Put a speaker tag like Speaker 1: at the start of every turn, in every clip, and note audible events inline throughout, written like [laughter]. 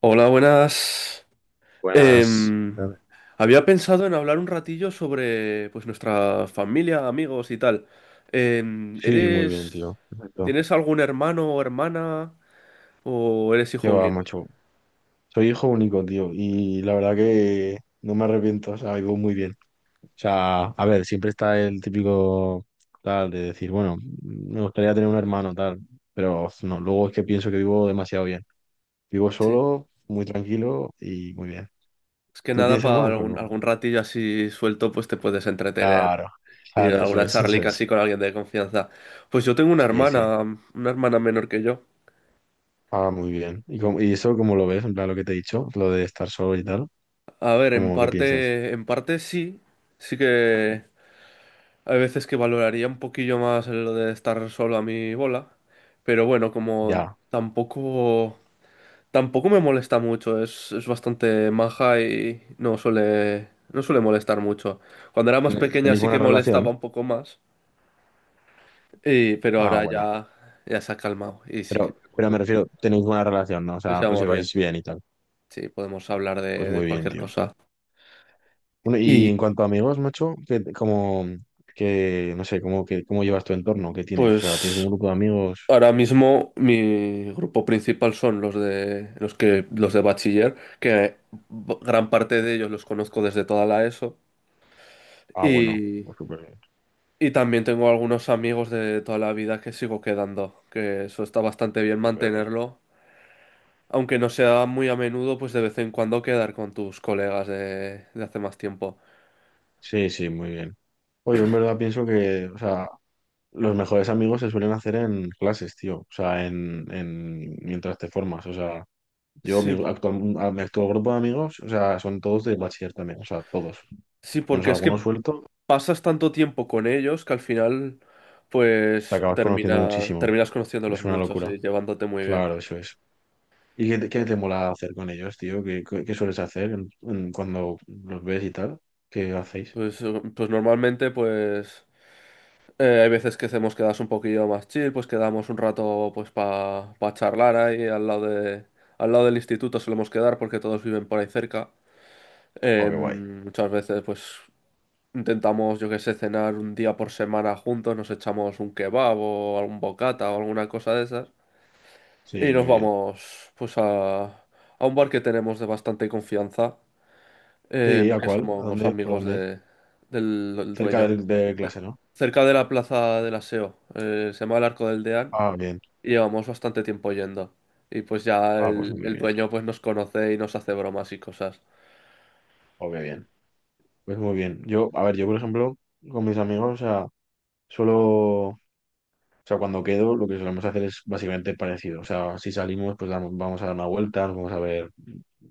Speaker 1: Hola, buenas.
Speaker 2: Buenas.
Speaker 1: Em, Había pensado en hablar un ratillo sobre pues nuestra familia, amigos y tal.
Speaker 2: Sí, muy bien,
Speaker 1: ¿Eres,
Speaker 2: tío. Perfecto.
Speaker 1: tienes algún hermano o hermana o eres
Speaker 2: Qué
Speaker 1: hijo
Speaker 2: va,
Speaker 1: único?
Speaker 2: macho. Soy hijo único, tío. Y la verdad que no me arrepiento. O sea, vivo muy bien. O sea, a ver, siempre está el típico tal de decir, bueno, me gustaría tener un hermano, tal. Pero no, luego es que pienso que vivo demasiado bien. Vivo
Speaker 1: Sí,
Speaker 2: solo, muy tranquilo y muy bien.
Speaker 1: es que
Speaker 2: ¿Tú
Speaker 1: nada,
Speaker 2: tienes
Speaker 1: para
Speaker 2: hermanos o cómo?
Speaker 1: algún ratillo así suelto, pues te puedes entretener
Speaker 2: Claro,
Speaker 1: y
Speaker 2: claro, eso
Speaker 1: alguna
Speaker 2: es, [laughs] eso
Speaker 1: charlica así
Speaker 2: es.
Speaker 1: con alguien de confianza. Pues yo tengo
Speaker 2: Sí, sí.
Speaker 1: una hermana menor que yo.
Speaker 2: Ah, muy bien. ¿Y, y eso cómo lo ves? En plan, lo que te he dicho, lo de estar solo y tal.
Speaker 1: A ver,
Speaker 2: ¿Cómo qué piensas?
Speaker 1: en parte sí, sí que. Hay veces que valoraría un poquillo más el de estar solo a mi bola, pero bueno, como
Speaker 2: Ya.
Speaker 1: tampoco, tampoco me molesta mucho, es bastante maja y no suele, no suele molestar mucho. Cuando era más
Speaker 2: ¿Ten-
Speaker 1: pequeña
Speaker 2: ¿Tenéis
Speaker 1: sí que
Speaker 2: buena relación?
Speaker 1: molestaba un poco más, pero
Speaker 2: Ah,
Speaker 1: ahora
Speaker 2: bueno.
Speaker 1: ya, ya se ha calmado y sí
Speaker 2: Pero,
Speaker 1: que pues
Speaker 2: pero me
Speaker 1: bueno,
Speaker 2: refiero, tenéis buena relación, ¿no? O
Speaker 1: nos
Speaker 2: sea, os
Speaker 1: llevamos bien,
Speaker 2: lleváis bien y tal.
Speaker 1: sí, podemos hablar
Speaker 2: Pues
Speaker 1: de
Speaker 2: muy bien,
Speaker 1: cualquier
Speaker 2: tío.
Speaker 1: cosa.
Speaker 2: Bueno, y
Speaker 1: Y
Speaker 2: en cuanto a amigos, macho, que como que no sé, cómo que cómo llevas tu entorno, ¿qué tienes? O sea, ¿tienes un
Speaker 1: pues
Speaker 2: grupo de amigos?
Speaker 1: ahora mismo mi grupo principal son los de los de bachiller, que gran parte de ellos los conozco desde toda la ESO
Speaker 2: Ah, bueno,
Speaker 1: y,
Speaker 2: pues súper bien,
Speaker 1: y también tengo algunos amigos de toda la vida que sigo quedando, que eso está bastante bien
Speaker 2: súper bien.
Speaker 1: mantenerlo, aunque no sea muy a menudo, pues de vez en cuando quedar con tus colegas de hace más tiempo.
Speaker 2: Sí, sí, muy bien. Oye, en verdad pienso que, o sea, los mejores amigos se suelen hacer en clases, tío. O sea, en mientras te formas. O sea, Yo, mi
Speaker 1: Sí,
Speaker 2: actual, mi actual grupo de amigos, o sea, son todos de bachiller también, o sea, todos.
Speaker 1: sí,
Speaker 2: Menos
Speaker 1: porque es
Speaker 2: algunos
Speaker 1: que
Speaker 2: suelto,
Speaker 1: pasas tanto tiempo con ellos que al final
Speaker 2: te
Speaker 1: pues
Speaker 2: acabas conociendo muchísimo.
Speaker 1: terminas conociéndolos
Speaker 2: Es una
Speaker 1: muchos
Speaker 2: locura.
Speaker 1: y llevándote muy bien.
Speaker 2: Claro, eso es. ¿Y qué te mola hacer con ellos, tío? ¿Qué sueles hacer en cuando los ves y tal? ¿Qué hacéis?
Speaker 1: Pues, pues normalmente, pues hay veces que hacemos quedas un poquillo más chill, pues quedamos un rato pues para charlar ahí al lado de, al lado del instituto solemos quedar porque todos viven por ahí cerca.
Speaker 2: Oh, qué guay.
Speaker 1: Muchas veces pues intentamos, yo que sé, cenar un día por semana juntos, nos echamos un kebab o algún bocata o alguna cosa de esas y
Speaker 2: Sí,
Speaker 1: nos
Speaker 2: muy bien.
Speaker 1: vamos pues a un bar que tenemos de bastante confianza,
Speaker 2: Sí, ¿a
Speaker 1: que
Speaker 2: cuál? ¿A
Speaker 1: somos
Speaker 2: dónde? ¿Por
Speaker 1: amigos
Speaker 2: dónde es?
Speaker 1: de, del
Speaker 2: Cerca
Speaker 1: dueño.
Speaker 2: de clase, ¿no?
Speaker 1: Cerca de la plaza del Aseo, se llama el Arco del Deán,
Speaker 2: Ah, bien.
Speaker 1: y llevamos bastante tiempo yendo. Y pues ya
Speaker 2: Ah, pues muy
Speaker 1: el
Speaker 2: bien.
Speaker 1: dueño pues nos conoce y nos hace bromas y cosas.
Speaker 2: Oh, qué bien. Pues muy bien. Yo, a ver, yo, por ejemplo, con mis amigos, o sea, solo. O sea, cuando quedo, lo que solemos hacer es básicamente parecido. O sea, si salimos, pues vamos a dar una vuelta, nos vamos a ver,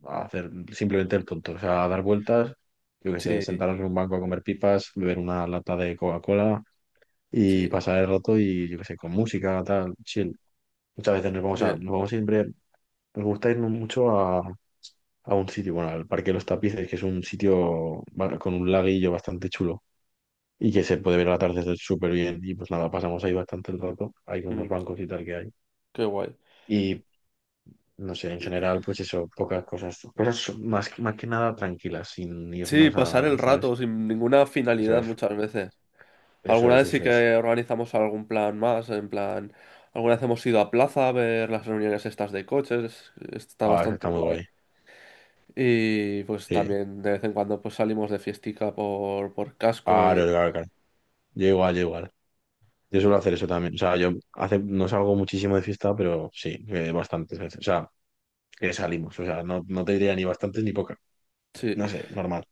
Speaker 2: a hacer simplemente el tonto. O sea, a dar vueltas, yo qué sé,
Speaker 1: Sí.
Speaker 2: sentarnos en un banco a comer pipas, beber una lata de Coca-Cola y
Speaker 1: Sí,
Speaker 2: pasar el rato y, yo qué sé, con música, tal, chill. Muchas veces
Speaker 1: bien.
Speaker 2: nos vamos siempre, nos gusta irnos mucho a, un sitio, bueno, al Parque de los Tapices, que es un sitio con un laguillo bastante chulo y que se puede ver la tarde súper bien. Y pues nada, pasamos ahí bastante el rato, hay unos
Speaker 1: Mm,
Speaker 2: bancos y tal que hay.
Speaker 1: qué guay.
Speaker 2: Y no sé, en general, pues eso, pocas cosas, cosas más, más que nada tranquilas, sin
Speaker 1: Sí,
Speaker 2: irnos
Speaker 1: pasar
Speaker 2: a,
Speaker 1: el rato
Speaker 2: ¿sabes?
Speaker 1: sin ninguna
Speaker 2: Eso
Speaker 1: finalidad
Speaker 2: es,
Speaker 1: muchas veces.
Speaker 2: eso
Speaker 1: Alguna
Speaker 2: es,
Speaker 1: vez sí
Speaker 2: eso es.
Speaker 1: que organizamos algún plan más, en plan, alguna vez hemos ido a plaza a ver las reuniones estas de coches, está
Speaker 2: Ah, eso
Speaker 1: bastante
Speaker 2: está muy
Speaker 1: guay.
Speaker 2: guay.
Speaker 1: Y pues
Speaker 2: Sí.
Speaker 1: también de vez en cuando pues salimos de fiestica por casco
Speaker 2: Claro,
Speaker 1: y
Speaker 2: claro, claro. Yo igual, yo igual. Yo suelo hacer eso también. O sea, no salgo muchísimo de fiesta, pero sí, bastantes veces. O sea, que salimos. O sea, no, no te diría ni bastantes ni pocas.
Speaker 1: sí.
Speaker 2: No sé, normal.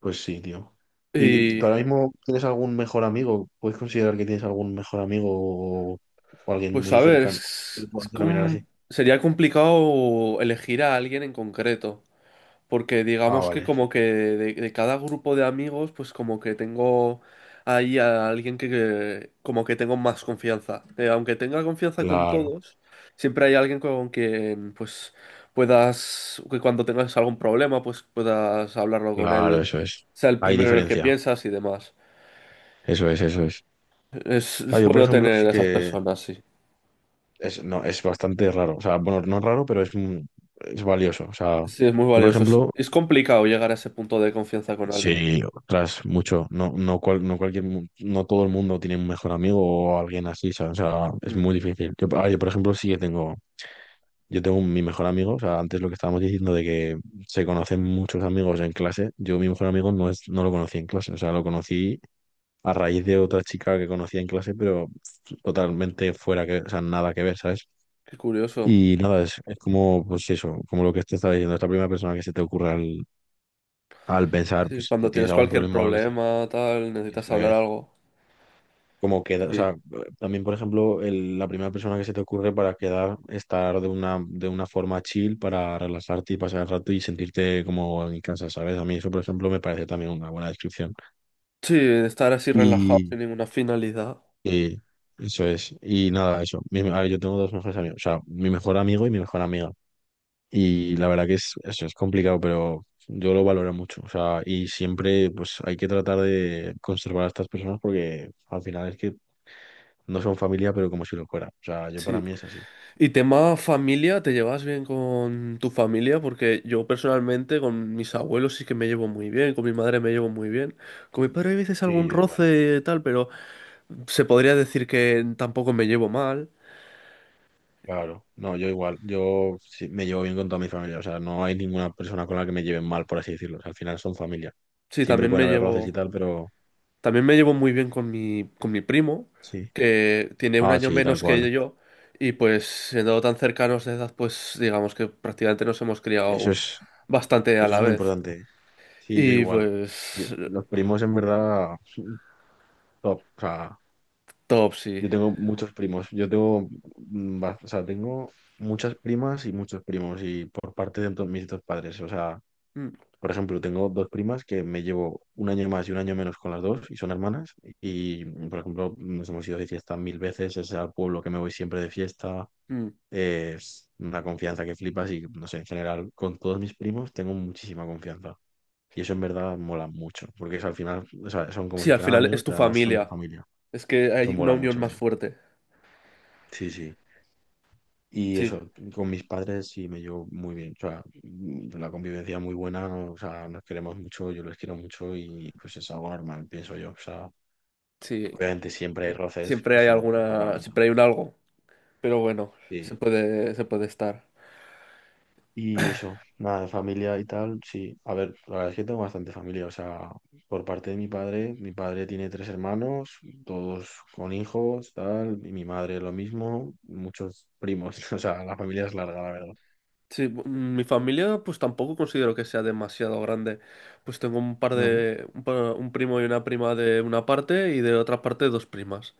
Speaker 2: Pues sí, tío. ¿Y
Speaker 1: Y
Speaker 2: tú ahora mismo tienes algún mejor amigo? ¿Puedes considerar que tienes algún mejor amigo o, o alguien
Speaker 1: pues a
Speaker 2: muy
Speaker 1: ver,
Speaker 2: cercano que lo
Speaker 1: es
Speaker 2: puedas denominar así?
Speaker 1: sería complicado elegir a alguien en concreto, porque
Speaker 2: Ah,
Speaker 1: digamos que
Speaker 2: vale.
Speaker 1: como que de cada grupo de amigos, pues como que tengo ahí a alguien que como que tengo más confianza. Aunque tenga confianza con
Speaker 2: Claro,
Speaker 1: todos, siempre hay alguien con quien pues puedas, que cuando tengas algún problema, pues puedas hablarlo con
Speaker 2: claro,
Speaker 1: él,
Speaker 2: eso es.
Speaker 1: sea el
Speaker 2: Hay
Speaker 1: primero en el que
Speaker 2: diferencia.
Speaker 1: piensas y demás.
Speaker 2: Eso es, eso es. Ah,
Speaker 1: Es
Speaker 2: yo, por
Speaker 1: bueno
Speaker 2: ejemplo,
Speaker 1: tener
Speaker 2: sí
Speaker 1: esas
Speaker 2: que
Speaker 1: personas, sí.
Speaker 2: es, no, es bastante raro. O sea, bueno, no es raro, pero es valioso. O sea,
Speaker 1: Sí, es muy
Speaker 2: yo, por
Speaker 1: valioso.
Speaker 2: ejemplo,
Speaker 1: Es complicado llegar a ese punto de confianza con alguien.
Speaker 2: sí, tras mucho, no, no, no cualquier, no todo el mundo tiene un mejor amigo o alguien así, ¿sabes? O sea, es
Speaker 1: Mm,
Speaker 2: muy difícil. Yo, por ejemplo, sí que tengo, yo tengo mi mejor amigo, o sea, antes lo que estábamos diciendo de que se conocen muchos amigos en clase, yo mi mejor amigo no lo conocí en clase, o sea, lo conocí a raíz de otra chica que conocía en clase, pero totalmente fuera que, o sea, nada que ver, ¿sabes?
Speaker 1: qué curioso.
Speaker 2: Y nada, es como, pues eso, como lo que te estaba diciendo, es la primera persona que se te ocurre al pensar,
Speaker 1: Sí,
Speaker 2: pues, si
Speaker 1: cuando
Speaker 2: tienes
Speaker 1: tienes
Speaker 2: algún
Speaker 1: cualquier
Speaker 2: problema o lo que sea.
Speaker 1: problema, tal, necesitas
Speaker 2: Eso
Speaker 1: hablar
Speaker 2: es
Speaker 1: algo.
Speaker 2: como queda, o
Speaker 1: Sí.
Speaker 2: sea, también, por ejemplo, la primera persona que se te ocurre para quedar, estar de una forma chill, para relajarte y pasar el rato y sentirte como en casa, ¿sabes? A mí eso, por ejemplo, me parece también una buena descripción.
Speaker 1: Sí, estar así relajado sin ninguna finalidad.
Speaker 2: Y eso es. Y nada, eso. A ver, yo tengo dos mejores amigos. O sea, mi mejor amigo y mi mejor amiga. Y la verdad que eso es complicado, pero yo lo valoro mucho. O sea, y siempre pues hay que tratar de conservar a estas personas porque al final es que no son familia, pero como si lo fuera. O sea, yo para
Speaker 1: Sí.
Speaker 2: mí es así.
Speaker 1: Y tema familia, ¿te llevas bien con tu familia? Porque yo personalmente con mis abuelos sí que me llevo muy bien, con mi madre me llevo muy bien. Con mi padre hay veces
Speaker 2: Y
Speaker 1: algún
Speaker 2: yo igual.
Speaker 1: roce y tal, pero se podría decir que tampoco me llevo mal.
Speaker 2: Claro. No, yo igual. Yo sí, me llevo bien con toda mi familia. O sea, no hay ninguna persona con la que me lleven mal, por así decirlo. O sea, al final son familia.
Speaker 1: Sí,
Speaker 2: Siempre
Speaker 1: también
Speaker 2: pueden
Speaker 1: me
Speaker 2: haber roces y
Speaker 1: llevo.
Speaker 2: tal, pero
Speaker 1: También me llevo muy bien con mi primo,
Speaker 2: sí.
Speaker 1: que tiene un
Speaker 2: Ah,
Speaker 1: año
Speaker 2: sí, tal
Speaker 1: menos que
Speaker 2: cual.
Speaker 1: yo, y pues siendo tan cercanos de edad, pues digamos que prácticamente nos hemos
Speaker 2: Eso
Speaker 1: criado
Speaker 2: es.
Speaker 1: bastante a
Speaker 2: Eso es
Speaker 1: la
Speaker 2: muy
Speaker 1: vez.
Speaker 2: importante. Sí, yo
Speaker 1: Y
Speaker 2: igual.
Speaker 1: pues,
Speaker 2: Los primos en verdad, [laughs] top. O sea,
Speaker 1: top, sí.
Speaker 2: yo tengo muchos primos. Yo tengo, mm, ba- o sea, tengo muchas primas y muchos primos y por parte de mis dos padres. O sea,
Speaker 1: Mm,
Speaker 2: por ejemplo, tengo dos primas que me llevo un año más y un año menos con las dos y son hermanas. Y, por ejemplo, nos hemos ido de fiesta mil veces. Es al pueblo que me voy siempre de fiesta.
Speaker 1: mm.
Speaker 2: Es una confianza que flipas y, no sé, en general, con todos mis primos tengo muchísima confianza. Y eso en verdad mola mucho, porque eso, al final o sea, son como
Speaker 1: Sí,
Speaker 2: si
Speaker 1: al
Speaker 2: fueran
Speaker 1: final
Speaker 2: amigos,
Speaker 1: es tu
Speaker 2: pero además son tu
Speaker 1: familia.
Speaker 2: familia.
Speaker 1: Es que
Speaker 2: Eso
Speaker 1: hay una
Speaker 2: mola
Speaker 1: unión
Speaker 2: mucho,
Speaker 1: más
Speaker 2: tío.
Speaker 1: fuerte.
Speaker 2: Sí, sí. Y
Speaker 1: Sí,
Speaker 2: eso, con mis padres sí me llevo muy bien. O sea, la convivencia muy buena, o sea, nos queremos mucho, yo les quiero mucho y pues es algo normal, pienso yo. O sea,
Speaker 1: sí.
Speaker 2: obviamente siempre hay roces,
Speaker 1: Siempre hay
Speaker 2: eso no,
Speaker 1: alguna,
Speaker 2: totalmente.
Speaker 1: siempre hay un algo. Pero bueno,
Speaker 2: Sí.
Speaker 1: se puede estar.
Speaker 2: Y eso, nada, de familia y tal, sí. A ver, la verdad es que tengo bastante familia. O sea, por parte de mi padre tiene tres hermanos, todos con hijos, tal, y mi madre lo mismo, muchos primos. [laughs] O sea, la familia es larga, la verdad.
Speaker 1: Sí, mi familia pues tampoco considero que sea demasiado grande. Pues tengo un par
Speaker 2: No,
Speaker 1: de, un primo y una prima de una parte y de otra parte dos primas.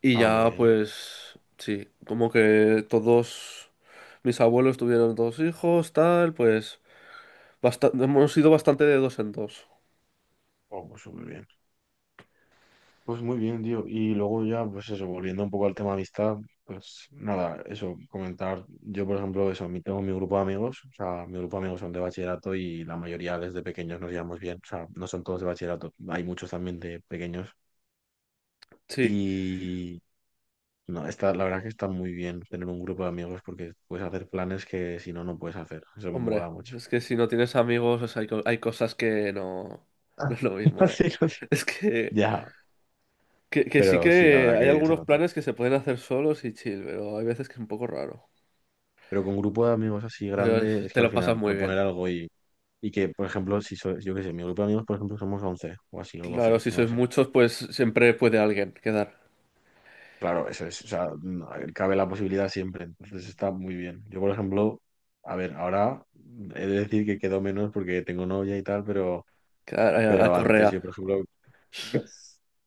Speaker 1: Y
Speaker 2: muy
Speaker 1: ya
Speaker 2: bien.
Speaker 1: pues sí, como que todos mis abuelos tuvieron dos hijos, tal, pues hemos sido bastante de dos en dos.
Speaker 2: Oh, pues muy bien. Pues muy bien, tío. Y luego ya, pues eso, volviendo un poco al tema amistad, pues nada, eso, comentar. Yo, por ejemplo, eso, tengo mi grupo de amigos, o sea, mi grupo de amigos son de bachillerato y la mayoría desde pequeños nos llevamos bien, o sea, no son todos de bachillerato, hay muchos también de pequeños.
Speaker 1: Sí,
Speaker 2: Y no, la verdad que está muy bien tener un grupo de amigos porque puedes hacer planes que si no, no puedes hacer. Eso me
Speaker 1: hombre,
Speaker 2: mola mucho.
Speaker 1: es que si no tienes amigos, o sea, hay, hay cosas que no, [laughs] no
Speaker 2: Ah.
Speaker 1: es lo mismo,
Speaker 2: [laughs]
Speaker 1: ¿eh?
Speaker 2: Sí, no sé.
Speaker 1: [laughs] Es que
Speaker 2: Ya,
Speaker 1: Que, que sí
Speaker 2: pero sí, la
Speaker 1: que
Speaker 2: verdad
Speaker 1: hay
Speaker 2: que se
Speaker 1: algunos
Speaker 2: nota.
Speaker 1: planes que se pueden hacer solos y chill, pero hay veces que es un poco raro.
Speaker 2: Pero con grupo de amigos así
Speaker 1: Pero
Speaker 2: grande,
Speaker 1: es-
Speaker 2: es
Speaker 1: te
Speaker 2: que al
Speaker 1: lo pasas
Speaker 2: final
Speaker 1: muy bien.
Speaker 2: proponer algo y, que, por ejemplo, si soy, yo qué sé, mi grupo de amigos, por ejemplo, somos 11 o así, o
Speaker 1: Claro,
Speaker 2: 12
Speaker 1: si
Speaker 2: no lo
Speaker 1: sois
Speaker 2: sé.
Speaker 1: muchos, pues siempre puede alguien quedar,
Speaker 2: Claro, eso es, o sea, no, cabe la posibilidad siempre, entonces está muy bien. Yo, por ejemplo, a ver, ahora he de decir que quedo menos porque tengo novia y tal, pero,
Speaker 1: quedar a
Speaker 2: pero antes
Speaker 1: correa.
Speaker 2: yo, por ejemplo, [laughs]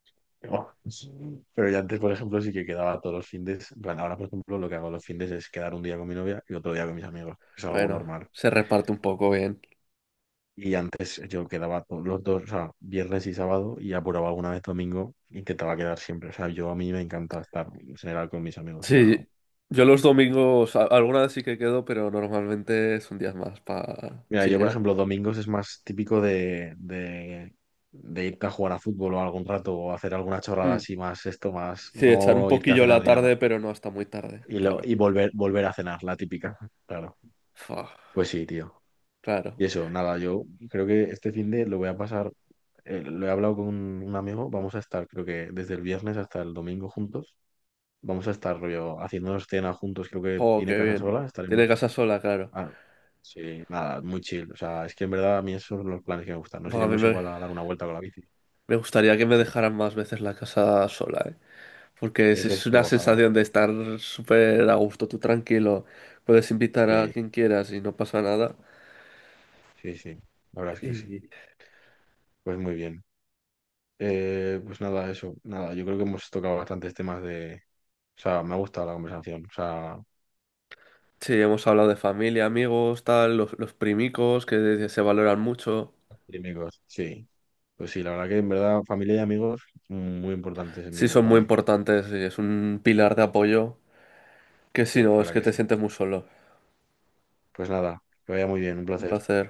Speaker 2: pero yo antes, por ejemplo, sí que quedaba todos los findes, en plan, ahora, por ejemplo, lo que hago los findes es quedar un día con mi novia y otro día con mis amigos, es algo
Speaker 1: Bueno,
Speaker 2: normal.
Speaker 1: se reparte un poco bien.
Speaker 2: Y antes yo quedaba los dos, o sea, viernes y sábado y apuraba alguna vez domingo, intentaba quedar siempre. O sea, yo a mí me encanta estar en general con mis amigos. O sea,
Speaker 1: Sí, yo los domingos, alguna vez sí que quedo, pero normalmente es un día más para
Speaker 2: mira, yo por
Speaker 1: chilear.
Speaker 2: ejemplo, domingos es más típico de irte a jugar a fútbol o algún rato o hacer alguna chorrada
Speaker 1: Hmm.
Speaker 2: así más esto, más
Speaker 1: Sí, echar un
Speaker 2: no irte a
Speaker 1: poquillo
Speaker 2: cenar
Speaker 1: la
Speaker 2: ni nada.
Speaker 1: tarde, pero no hasta muy tarde,
Speaker 2: Y, lo,
Speaker 1: claro.
Speaker 2: y volver a cenar, la típica, claro.
Speaker 1: Fua,
Speaker 2: Pues sí, tío.
Speaker 1: claro.
Speaker 2: Y eso, nada, yo creo que este fin de lo voy a pasar, lo he hablado con un amigo, vamos a estar creo que desde el viernes hasta el domingo juntos. Vamos a estar rollo haciéndonos cena juntos, creo que
Speaker 1: Oh,
Speaker 2: tiene
Speaker 1: qué
Speaker 2: casa
Speaker 1: bien.
Speaker 2: sola, estaremos.
Speaker 1: Tiene casa sola, claro.
Speaker 2: Ah, sí, nada, muy chill. O sea, es que en verdad a mí esos son los planes que me gustan. Nos
Speaker 1: Buah, a mí
Speaker 2: iremos
Speaker 1: me-
Speaker 2: igual a dar una vuelta con la bici.
Speaker 1: Me gustaría que me
Speaker 2: Sí,
Speaker 1: dejaran más veces la casa sola, ¿eh? Porque
Speaker 2: eso
Speaker 1: es
Speaker 2: es
Speaker 1: una
Speaker 2: gozada.
Speaker 1: sensación de estar súper a gusto, tú tranquilo, puedes invitar a
Speaker 2: Sí,
Speaker 1: quien quieras y no pasa nada.
Speaker 2: sí, sí. La verdad es que sí.
Speaker 1: Y
Speaker 2: Pues muy bien. Pues nada, eso, nada. Yo creo que hemos tocado bastantes temas de. O sea, me ha gustado la conversación. O sea,
Speaker 1: sí, hemos hablado de familia, amigos, tal, los primicos que se valoran mucho.
Speaker 2: amigos. Sí. Pues sí, la verdad que en verdad familia y amigos muy importantes en mi
Speaker 1: Sí,
Speaker 2: vida
Speaker 1: son
Speaker 2: para
Speaker 1: muy
Speaker 2: mí.
Speaker 1: importantes y es un pilar de apoyo que
Speaker 2: Sí,
Speaker 1: si no,
Speaker 2: la
Speaker 1: es
Speaker 2: verdad
Speaker 1: que
Speaker 2: que
Speaker 1: te
Speaker 2: sí.
Speaker 1: sientes muy solo.
Speaker 2: Pues nada, que vaya muy bien, un
Speaker 1: Un
Speaker 2: placer.
Speaker 1: placer.